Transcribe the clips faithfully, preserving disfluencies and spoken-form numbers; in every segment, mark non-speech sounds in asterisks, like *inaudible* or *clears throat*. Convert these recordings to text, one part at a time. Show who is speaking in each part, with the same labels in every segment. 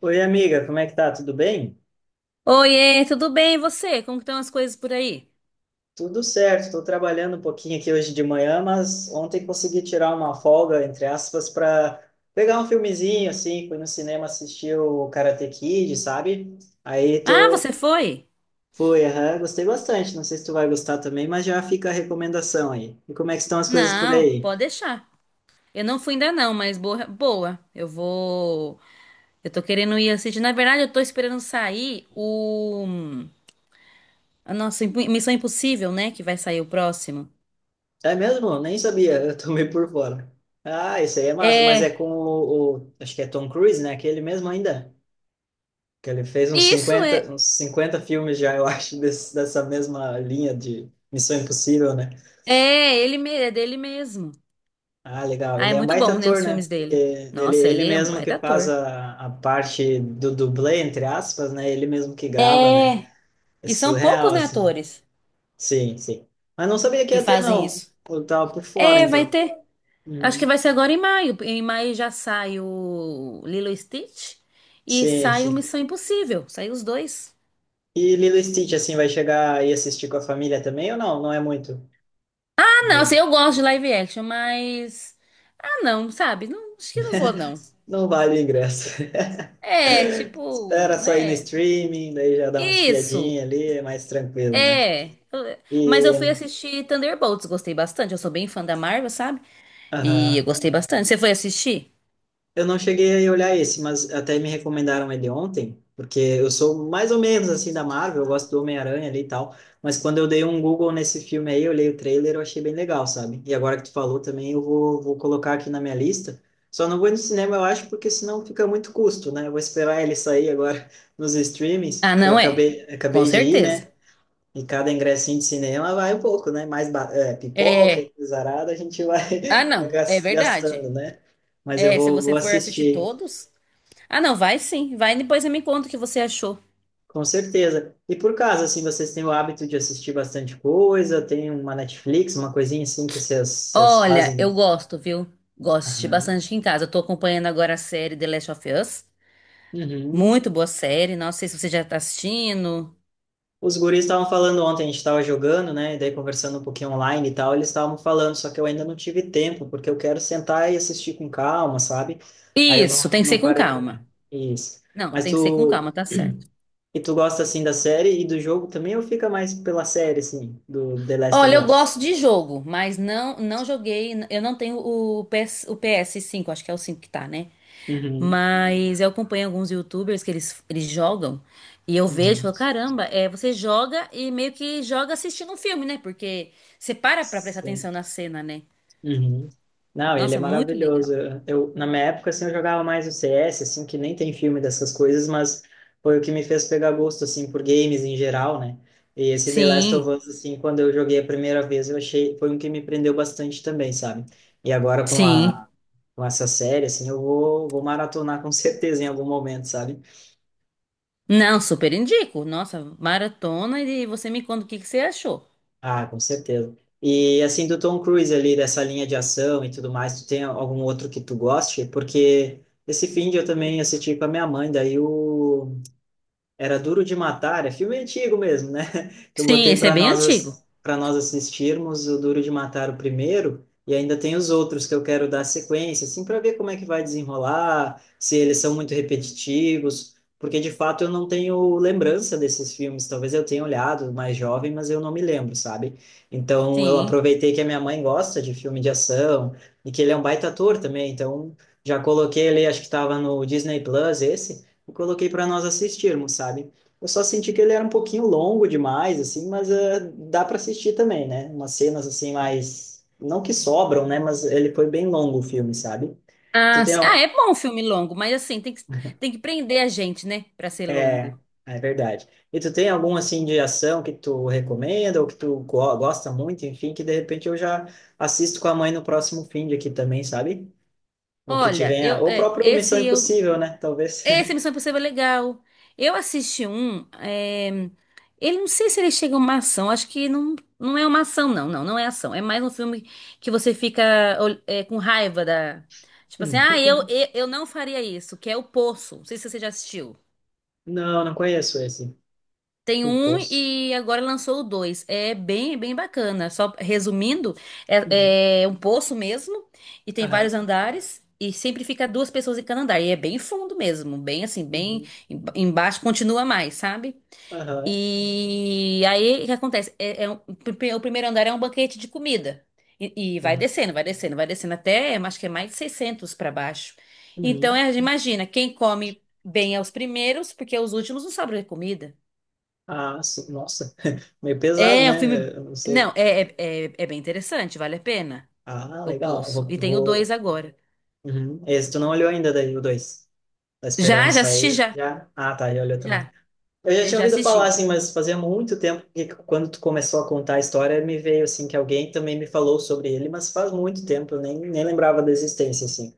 Speaker 1: Oi, amiga, como é que tá? Tudo bem?
Speaker 2: Oiê, tudo bem? E você? Como que estão as coisas por aí?
Speaker 1: Tudo certo, estou trabalhando um pouquinho aqui hoje de manhã, mas ontem consegui tirar uma folga, entre aspas, para pegar um filmezinho, assim, fui no cinema assistir o Karate Kid, sabe? Aí
Speaker 2: Ah,
Speaker 1: tô,
Speaker 2: você foi?
Speaker 1: fui, aham, gostei bastante, não sei se tu vai gostar também, mas já fica a recomendação aí. E como é que estão as coisas por
Speaker 2: Não,
Speaker 1: aí?
Speaker 2: pode deixar. Eu não fui ainda não, mas boa, boa. Eu vou. Eu tô querendo ir assistir. Na verdade, eu tô esperando sair o a nossa Imp- Missão Impossível, né? Que vai sair o próximo.
Speaker 1: É mesmo? Nem sabia, *laughs* eu tô meio por fora. Ah, isso aí é massa, mas é
Speaker 2: É,
Speaker 1: com o, o- acho que é Tom Cruise, né? Aquele mesmo ainda? Que ele fez uns
Speaker 2: isso é.
Speaker 1: cinquenta uns cinquenta filmes já, eu *laughs* acho, desse, dessa mesma linha de Missão Impossível, né?
Speaker 2: É, ele me- é dele mesmo.
Speaker 1: Ah, legal.
Speaker 2: Ah,
Speaker 1: Ele
Speaker 2: é
Speaker 1: é um
Speaker 2: muito
Speaker 1: baita
Speaker 2: bom, né?
Speaker 1: ator,
Speaker 2: Os
Speaker 1: né?
Speaker 2: filmes
Speaker 1: É.
Speaker 2: dele.
Speaker 1: Ele,
Speaker 2: Nossa,
Speaker 1: ele
Speaker 2: ele é um
Speaker 1: mesmo que
Speaker 2: baita
Speaker 1: faz
Speaker 2: ator.
Speaker 1: a, a parte do dublê, entre aspas, né? Ele mesmo que grava, né?
Speaker 2: É.
Speaker 1: É
Speaker 2: E são
Speaker 1: surreal,
Speaker 2: poucos, né,
Speaker 1: assim.
Speaker 2: atores
Speaker 1: Sim, sim. Mas não sabia que
Speaker 2: que
Speaker 1: ia ter,
Speaker 2: fazem
Speaker 1: não.
Speaker 2: isso.
Speaker 1: Eu tava por fora,
Speaker 2: É, vai
Speaker 1: então.
Speaker 2: ter. Acho que
Speaker 1: Uhum.
Speaker 2: vai ser agora em maio. Em maio já sai o Lilo e Stitch e
Speaker 1: Sim,
Speaker 2: sai o
Speaker 1: sim.
Speaker 2: Missão Impossível. Sai os dois.
Speaker 1: E Lilo e Stitch, assim, vai chegar e assistir com a família também ou não? Não é muito?
Speaker 2: Ah, não, assim,
Speaker 1: Do-
Speaker 2: eu gosto de live action, mas. Ah, não, sabe? Não, acho que não vou, não.
Speaker 1: Não vale o ingresso. *laughs*
Speaker 2: É, tipo,
Speaker 1: Espera sair no
Speaker 2: né?
Speaker 1: streaming, daí já dá uma
Speaker 2: Isso,
Speaker 1: espiadinha ali, é mais tranquilo, né?
Speaker 2: é. Eu- Mas
Speaker 1: E,
Speaker 2: eu fui assistir Thunderbolts, gostei bastante. Eu sou bem fã da Marvel, sabe? E eu
Speaker 1: aham.
Speaker 2: gostei bastante. Você foi assistir?
Speaker 1: Eu não cheguei a olhar esse, mas até me recomendaram ele ontem, porque eu sou mais ou menos assim da Marvel, eu gosto do Homem-Aranha ali e tal, mas quando eu dei um Google nesse filme aí, eu olhei o trailer, eu achei bem legal, sabe? E agora que tu falou também, eu vou, vou colocar aqui na minha lista. Só não vou no cinema, eu acho, porque senão fica muito custo, né? Eu vou esperar ele sair agora *laughs* nos
Speaker 2: Ah,
Speaker 1: streamings, que eu
Speaker 2: não é?
Speaker 1: acabei,
Speaker 2: Com
Speaker 1: acabei de ir, né?
Speaker 2: certeza.
Speaker 1: E cada ingressinho de cinema vai um pouco, né? Mais ba- é, pipoca
Speaker 2: É.
Speaker 1: e coisarada a gente vai
Speaker 2: Ah,
Speaker 1: *laughs*
Speaker 2: não, é
Speaker 1: gas-
Speaker 2: verdade.
Speaker 1: gastando, né? Mas eu
Speaker 2: É, se
Speaker 1: vou, vou
Speaker 2: você for assistir
Speaker 1: assistir,
Speaker 2: todos. Ah, não, vai sim. Vai e depois você me conta o que você achou.
Speaker 1: com certeza. E por caso, assim, vocês têm o hábito de assistir bastante coisa? Tem uma Netflix, uma coisinha assim que vocês vocês
Speaker 2: Olha, eu
Speaker 1: fazem?
Speaker 2: gosto, viu? Gosto de assistir
Speaker 1: Aham.
Speaker 2: bastante aqui em casa. Eu tô acompanhando agora a série The Last of Us.
Speaker 1: Uhum.
Speaker 2: Muito boa série. Não sei se você já tá assistindo.
Speaker 1: Os guris estavam falando ontem, a gente estava jogando, né? E daí conversando um pouquinho online e tal, eles estavam falando, só que eu ainda não tive tempo, porque eu quero sentar e assistir com calma, sabe? Aí eu
Speaker 2: Isso, tem
Speaker 1: não,
Speaker 2: que ser
Speaker 1: não
Speaker 2: com
Speaker 1: parei para
Speaker 2: calma.
Speaker 1: ler. Isso.
Speaker 2: Não,
Speaker 1: Mas
Speaker 2: tem que ser com calma,
Speaker 1: tu.
Speaker 2: tá
Speaker 1: *clears throat*
Speaker 2: certo.
Speaker 1: E tu gosta assim da série e do jogo também, ou fica mais pela série, assim, do The Last of
Speaker 2: Olha, eu gosto
Speaker 1: Us?
Speaker 2: de jogo, mas não não joguei. Eu não tenho o P S, o P S cinco. Acho que é o cinco que tá, né?
Speaker 1: Uhum.
Speaker 2: Mas eu acompanho alguns YouTubers que eles, eles jogam e eu vejo e
Speaker 1: Uhum.
Speaker 2: falo, caramba, é, você joga e meio que joga assistindo um filme, né? Porque você para pra prestar atenção na cena, né?
Speaker 1: Uhum. Não, ele é
Speaker 2: Nossa, muito
Speaker 1: maravilhoso.
Speaker 2: legal.
Speaker 1: Eu, eu- na minha época, assim, eu jogava mais o C S, assim, que nem tem filme dessas coisas, mas foi o que me fez pegar gosto, assim, por games em geral, né? E esse The Last of
Speaker 2: Sim,
Speaker 1: Us, assim, quando eu joguei a primeira vez, eu achei, foi um que me prendeu bastante também, sabe? E agora com
Speaker 2: sim.
Speaker 1: a, com essa série, assim, eu vou, vou maratonar com *laughs* certeza em algum momento, sabe?
Speaker 2: Não, super indico. Nossa, maratona e você me conta o que que você achou.
Speaker 1: Ah, com certeza. E assim, do Tom Cruise ali, dessa linha de ação e tudo mais, tu tem algum outro que tu goste? Porque esse fim de eu também assisti com a minha mãe, daí o era Duro de Matar, é filme antigo mesmo, né? *laughs* Eu
Speaker 2: Sim,
Speaker 1: botei
Speaker 2: esse é
Speaker 1: para
Speaker 2: bem antigo.
Speaker 1: nós para nós assistirmos o Duro de Matar o primeiro e ainda tem os outros que eu quero dar sequência, assim, para ver como é que vai desenrolar, se eles são muito repetitivos, porque de fato eu não tenho lembrança desses filmes. Talvez eu tenha olhado mais jovem, mas eu não me lembro, sabe? Então eu
Speaker 2: Sim.
Speaker 1: aproveitei que a minha mãe gosta de filme de ação e que ele é um baita ator também, então já coloquei ele, acho que estava no Disney Plus esse eu coloquei para nós assistirmos, sabe? Eu só senti que ele era um pouquinho longo demais, assim, mas eh, dá para assistir também, né? Umas cenas assim mais, não que sobram, né? Mas ele foi bem longo o filme, sabe? Tu
Speaker 2: Ah,
Speaker 1: tem
Speaker 2: s- ah,
Speaker 1: al-
Speaker 2: é bom um filme longo, mas assim, tem que, tem que prender a gente, né? Pra ser
Speaker 1: é,
Speaker 2: longo.
Speaker 1: é verdade. E tu tem algum assim de ação que tu recomenda ou que tu go- gosta muito, enfim, que de repente eu já assisto com a mãe no próximo fim de aqui também, sabe? Ou que te
Speaker 2: Olha,
Speaker 1: venha,
Speaker 2: eu,
Speaker 1: ou o
Speaker 2: é,
Speaker 1: próprio Missão
Speaker 2: esse eu
Speaker 1: Impossível, né? Talvez.
Speaker 2: Esse Missão Impossível é legal. Eu assisti um. É, Ele Não sei se ele chega a uma ação. Acho que não, não é uma ação, não. Não, não é ação. É mais um filme que você fica ol- é, com raiva da. Tipo assim, ah, eu,
Speaker 1: *laughs*
Speaker 2: eu, eu não faria isso, que é o Poço. Não sei se você já assistiu.
Speaker 1: Não, não conheço esse.
Speaker 2: Tem
Speaker 1: O
Speaker 2: um
Speaker 1: Poço.
Speaker 2: e agora lançou o dois. É bem, bem bacana. Só resumindo,
Speaker 1: Uhum.
Speaker 2: é, é um poço mesmo e tem vários
Speaker 1: Aham.
Speaker 2: andares e sempre fica duas pessoas em cada andar. E é bem fundo mesmo, bem assim, bem
Speaker 1: Uhum.
Speaker 2: em- embaixo, continua mais, sabe?
Speaker 1: Aham.
Speaker 2: E aí o que acontece? É, é um- o primeiro andar é um banquete de comida. E, e vai
Speaker 1: Tá.
Speaker 2: descendo, vai descendo, vai descendo até, acho que é mais de seiscentos para baixo. Então,
Speaker 1: Uhum.
Speaker 2: é, imagina, quem come bem é os primeiros, porque os últimos não sobram comida.
Speaker 1: Ah, sim. Nossa, *laughs* meio pesado,
Speaker 2: É é um
Speaker 1: né?
Speaker 2: filme.
Speaker 1: Eu não sei.
Speaker 2: Não, é, é, é, é bem interessante, vale a pena.
Speaker 1: Ah,
Speaker 2: O
Speaker 1: legal.
Speaker 2: Poço.
Speaker 1: Vou,
Speaker 2: E tem o dois
Speaker 1: vou...
Speaker 2: agora.
Speaker 1: Uhum. Esse tu não olhou ainda daí, o dois. Tá esperando
Speaker 2: Já, já assisti
Speaker 1: sair
Speaker 2: já.
Speaker 1: já? Ah, tá, ele olhou também.
Speaker 2: Já.
Speaker 1: Eu já
Speaker 2: Eu
Speaker 1: tinha
Speaker 2: já
Speaker 1: ouvido falar,
Speaker 2: assisti.
Speaker 1: assim, mas fazia muito tempo que quando tu começou a contar a história, me veio, assim, que alguém também me falou sobre ele, mas faz muito tempo, eu nem, nem lembrava da existência, assim.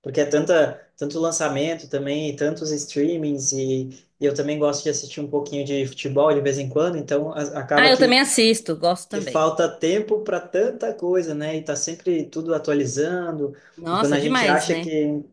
Speaker 1: Porque é tanta, tanto lançamento também, e tantos streamings, e, e eu também gosto de assistir um pouquinho de futebol de vez em quando, então a- acaba
Speaker 2: Ah, eu também
Speaker 1: que,
Speaker 2: assisto, gosto
Speaker 1: que
Speaker 2: também.
Speaker 1: falta tempo para tanta coisa, né? E tá sempre tudo atualizando, e quando
Speaker 2: Nossa,
Speaker 1: a gente
Speaker 2: demais,
Speaker 1: acha
Speaker 2: né?
Speaker 1: que,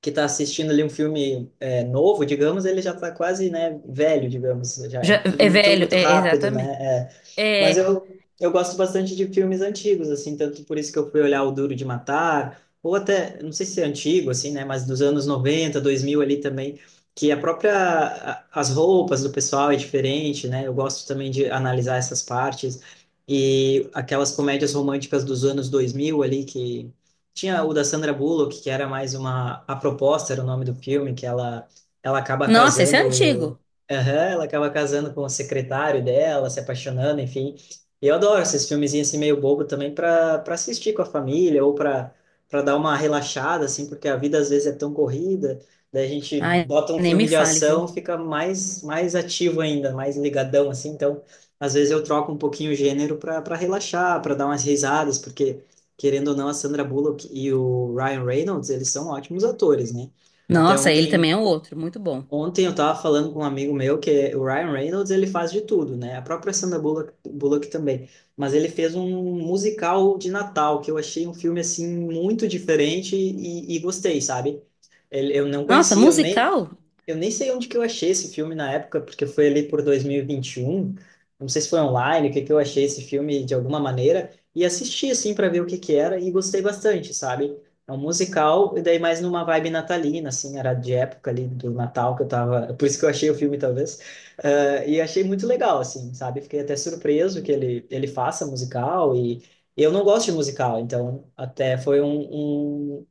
Speaker 1: que tá assistindo ali um filme é, novo, digamos, ele já tá quase, né, velho, digamos, já é
Speaker 2: Já,
Speaker 1: tudo
Speaker 2: é
Speaker 1: muito,
Speaker 2: velho,
Speaker 1: muito
Speaker 2: é,
Speaker 1: rápido, né?
Speaker 2: exatamente.
Speaker 1: É, mas
Speaker 2: É.
Speaker 1: eu, eu gosto bastante de filmes antigos, assim, tanto por isso que eu fui olhar O Duro de Matar, ou até, não sei se é antigo, assim, né, mas dos anos noventa dois mil ali também, que a própria, a- as roupas do pessoal é diferente, né, eu gosto também de analisar essas partes, e aquelas comédias românticas dos anos dois mil ali, que tinha o da Sandra Bullock, que era mais uma, A Proposta era o nome do filme, que ela, ela acaba
Speaker 2: Nossa, esse é
Speaker 1: casando.
Speaker 2: antigo.
Speaker 1: Aham, ela acaba casando com o secretário dela, se apaixonando, enfim. E eu adoro esses filmezinhos assim meio bobo também para para assistir com a família ou para para dar uma relaxada assim, porque a vida às vezes é tão corrida, daí a gente
Speaker 2: Ai,
Speaker 1: bota um
Speaker 2: nem
Speaker 1: filme
Speaker 2: me
Speaker 1: de
Speaker 2: fale, viu?
Speaker 1: ação, fica mais mais ativo ainda, mais ligadão assim. Então, às vezes eu troco um pouquinho o gênero para para relaxar, para dar umas risadas, porque querendo ou não a Sandra Bullock e o Ryan Reynolds, eles são ótimos atores, né? Até
Speaker 2: Nossa, ele
Speaker 1: ontem
Speaker 2: também é um outro, muito bom.
Speaker 1: Ontem eu estava falando com um amigo meu que o Ryan Reynolds ele faz de tudo, né? A própria Sandra Bullock, Bullock também. Mas ele fez um musical de Natal que eu achei um filme assim muito diferente e, e gostei, sabe? Ele, eu não
Speaker 2: Nossa,
Speaker 1: conhecia, eu nem
Speaker 2: musical?
Speaker 1: eu nem sei onde que eu achei esse filme na época, porque foi ali por dois mil e e vinte e um. Não sei se foi online, o que que eu achei esse filme de alguma maneira e assisti assim para ver o que que era e gostei bastante, sabe? É um musical e daí mais numa vibe natalina, assim, era de época ali do Natal que eu tava, *laughs* por isso que eu achei o filme talvez. Ah, e achei muito legal assim, sabe? Fiquei até surpreso que ele ele faça musical e eu não gosto de musical, então até foi um, um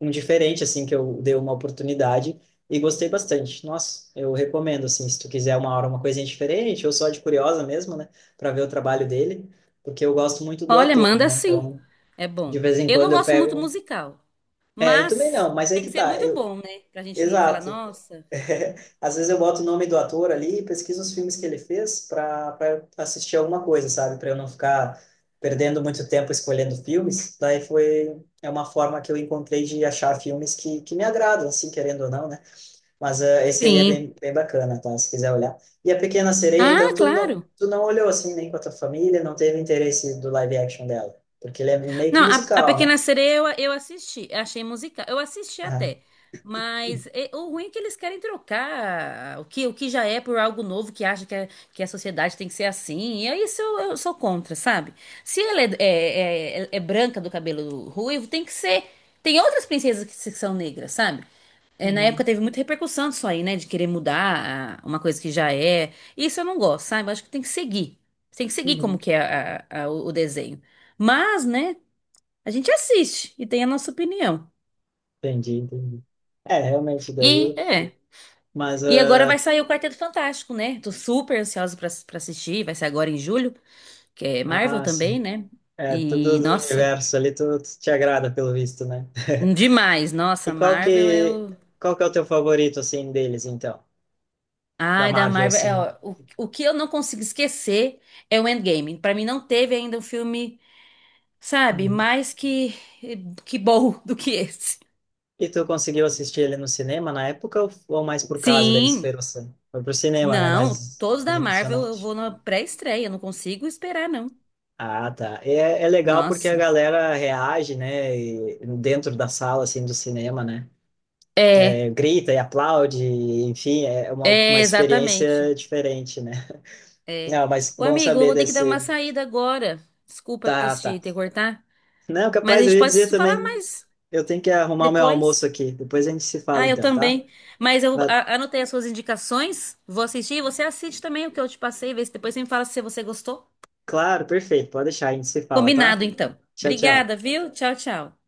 Speaker 1: um diferente assim que eu dei uma oportunidade e gostei bastante. Nossa, eu recomendo, assim, se tu quiser uma hora uma coisinha diferente, ou só de curiosa mesmo, né, para ver o trabalho dele, porque eu gosto muito do
Speaker 2: Olha,
Speaker 1: ator,
Speaker 2: manda
Speaker 1: né?
Speaker 2: sim.
Speaker 1: Então,
Speaker 2: É
Speaker 1: de
Speaker 2: bom.
Speaker 1: vez em
Speaker 2: Eu não
Speaker 1: quando eu
Speaker 2: gosto muito
Speaker 1: pego um,
Speaker 2: musical,
Speaker 1: É, eu também
Speaker 2: mas
Speaker 1: não, mas aí
Speaker 2: tem que
Speaker 1: que
Speaker 2: ser
Speaker 1: tá.
Speaker 2: muito
Speaker 1: Eu...
Speaker 2: bom, né? Pra gente falar,
Speaker 1: Exato.
Speaker 2: nossa.
Speaker 1: *laughs* Às vezes eu boto o nome do ator ali e pesquiso os filmes que ele fez para para assistir alguma coisa, sabe? Para eu não ficar perdendo muito tempo escolhendo filmes. Daí foi. É uma forma que eu encontrei de achar filmes que, que me agradam, assim, querendo ou não, né? Mas eh, esse aí é
Speaker 2: Sim.
Speaker 1: bem, bem bacana, tá? Se quiser olhar. E a Pequena Sereia,
Speaker 2: Ah,
Speaker 1: então, tu não,
Speaker 2: claro.
Speaker 1: tu não olhou assim nem com a tua família, não teve interesse do live action dela. Porque ele é meio que
Speaker 2: Não, a, a
Speaker 1: musical, né?
Speaker 2: Pequena Sereia eu, eu assisti, achei musical. Eu assisti
Speaker 1: Ah,
Speaker 2: até, mas é- o ruim é que eles querem trocar o que, o que, já é por algo novo que acha que, é- que a sociedade tem que ser assim. E aí isso eu, eu sou contra, sabe? Se ela é, é, é- é é branca do cabelo ruivo, tem que ser. Tem outras princesas que se- são negras, sabe? É, na
Speaker 1: uhum,
Speaker 2: época teve muita repercussão disso aí, né? De querer mudar a- uma coisa que já é. Isso eu não gosto, sabe? Eu acho que tem que seguir. Tem que seguir como
Speaker 1: uhum.
Speaker 2: que é a- a- o o desenho. Mas, né? A gente assiste e tem a nossa opinião.
Speaker 1: Entendi, entendi. É, realmente, daí.
Speaker 2: E é.
Speaker 1: Mas,
Speaker 2: E agora
Speaker 1: ah,
Speaker 2: vai sair o Quarteto Fantástico, né? Tô super ansiosa pra, pra assistir. Vai ser agora em julho, que é Marvel
Speaker 1: ah,
Speaker 2: também,
Speaker 1: sim.
Speaker 2: né?
Speaker 1: É, tudo
Speaker 2: E,
Speaker 1: do
Speaker 2: nossa,
Speaker 1: universo ali, tu, tu te agrada, pelo visto, né?
Speaker 2: demais.
Speaker 1: *laughs*
Speaker 2: Nossa,
Speaker 1: E qual
Speaker 2: Marvel
Speaker 1: que,
Speaker 2: eu.
Speaker 1: qual que é o teu favorito, assim, deles, então? Da
Speaker 2: Ai, da
Speaker 1: Marvel,
Speaker 2: Marvel. É,
Speaker 1: assim.
Speaker 2: ó, o, o que eu não consigo esquecer é o Endgame. Pra mim não teve ainda um filme. Sabe?
Speaker 1: Uhum.
Speaker 2: Mais que que bom *laughs* do que esse.
Speaker 1: E tu conseguiu assistir ele no cinema na época ou, ou, mais por causa da
Speaker 2: Sim,
Speaker 1: esperança? Foi pro cinema, né?
Speaker 2: não,
Speaker 1: Mais,
Speaker 2: todos
Speaker 1: mais
Speaker 2: da Marvel eu
Speaker 1: emocionante.
Speaker 2: vou na pré-estreia, não consigo esperar não.
Speaker 1: Ah, tá. É, é legal porque a
Speaker 2: Nossa.
Speaker 1: galera reage, né? e- dentro da sala, assim, do cinema, né?
Speaker 2: É,
Speaker 1: É, grita e aplaude, enfim, é uma, uma
Speaker 2: é
Speaker 1: experiência
Speaker 2: exatamente.
Speaker 1: diferente, né?
Speaker 2: É.
Speaker 1: Não, mas
Speaker 2: Ô
Speaker 1: bom
Speaker 2: amigo, eu
Speaker 1: saber
Speaker 2: vou ter que dar
Speaker 1: desse.
Speaker 2: uma saída agora. Desculpa
Speaker 1: Tá, tá.
Speaker 2: te ter cortar,
Speaker 1: Não,
Speaker 2: mas a
Speaker 1: capaz, eu
Speaker 2: gente
Speaker 1: ia
Speaker 2: pode
Speaker 1: dizer
Speaker 2: falar
Speaker 1: também.
Speaker 2: mais
Speaker 1: Eu tenho que arrumar meu almoço
Speaker 2: depois.
Speaker 1: aqui. Depois a gente se fala,
Speaker 2: Ah, eu
Speaker 1: então, tá?
Speaker 2: também. Mas eu
Speaker 1: Mas,
Speaker 2: a- anotei as suas indicações, vou assistir e você assiste também o que eu te passei, vê se depois você me fala se você gostou.
Speaker 1: claro, perfeito. Pode deixar, a gente se fala, tá?
Speaker 2: Combinado, então.
Speaker 1: Tchau, tchau.
Speaker 2: Obrigada, viu? Tchau, tchau.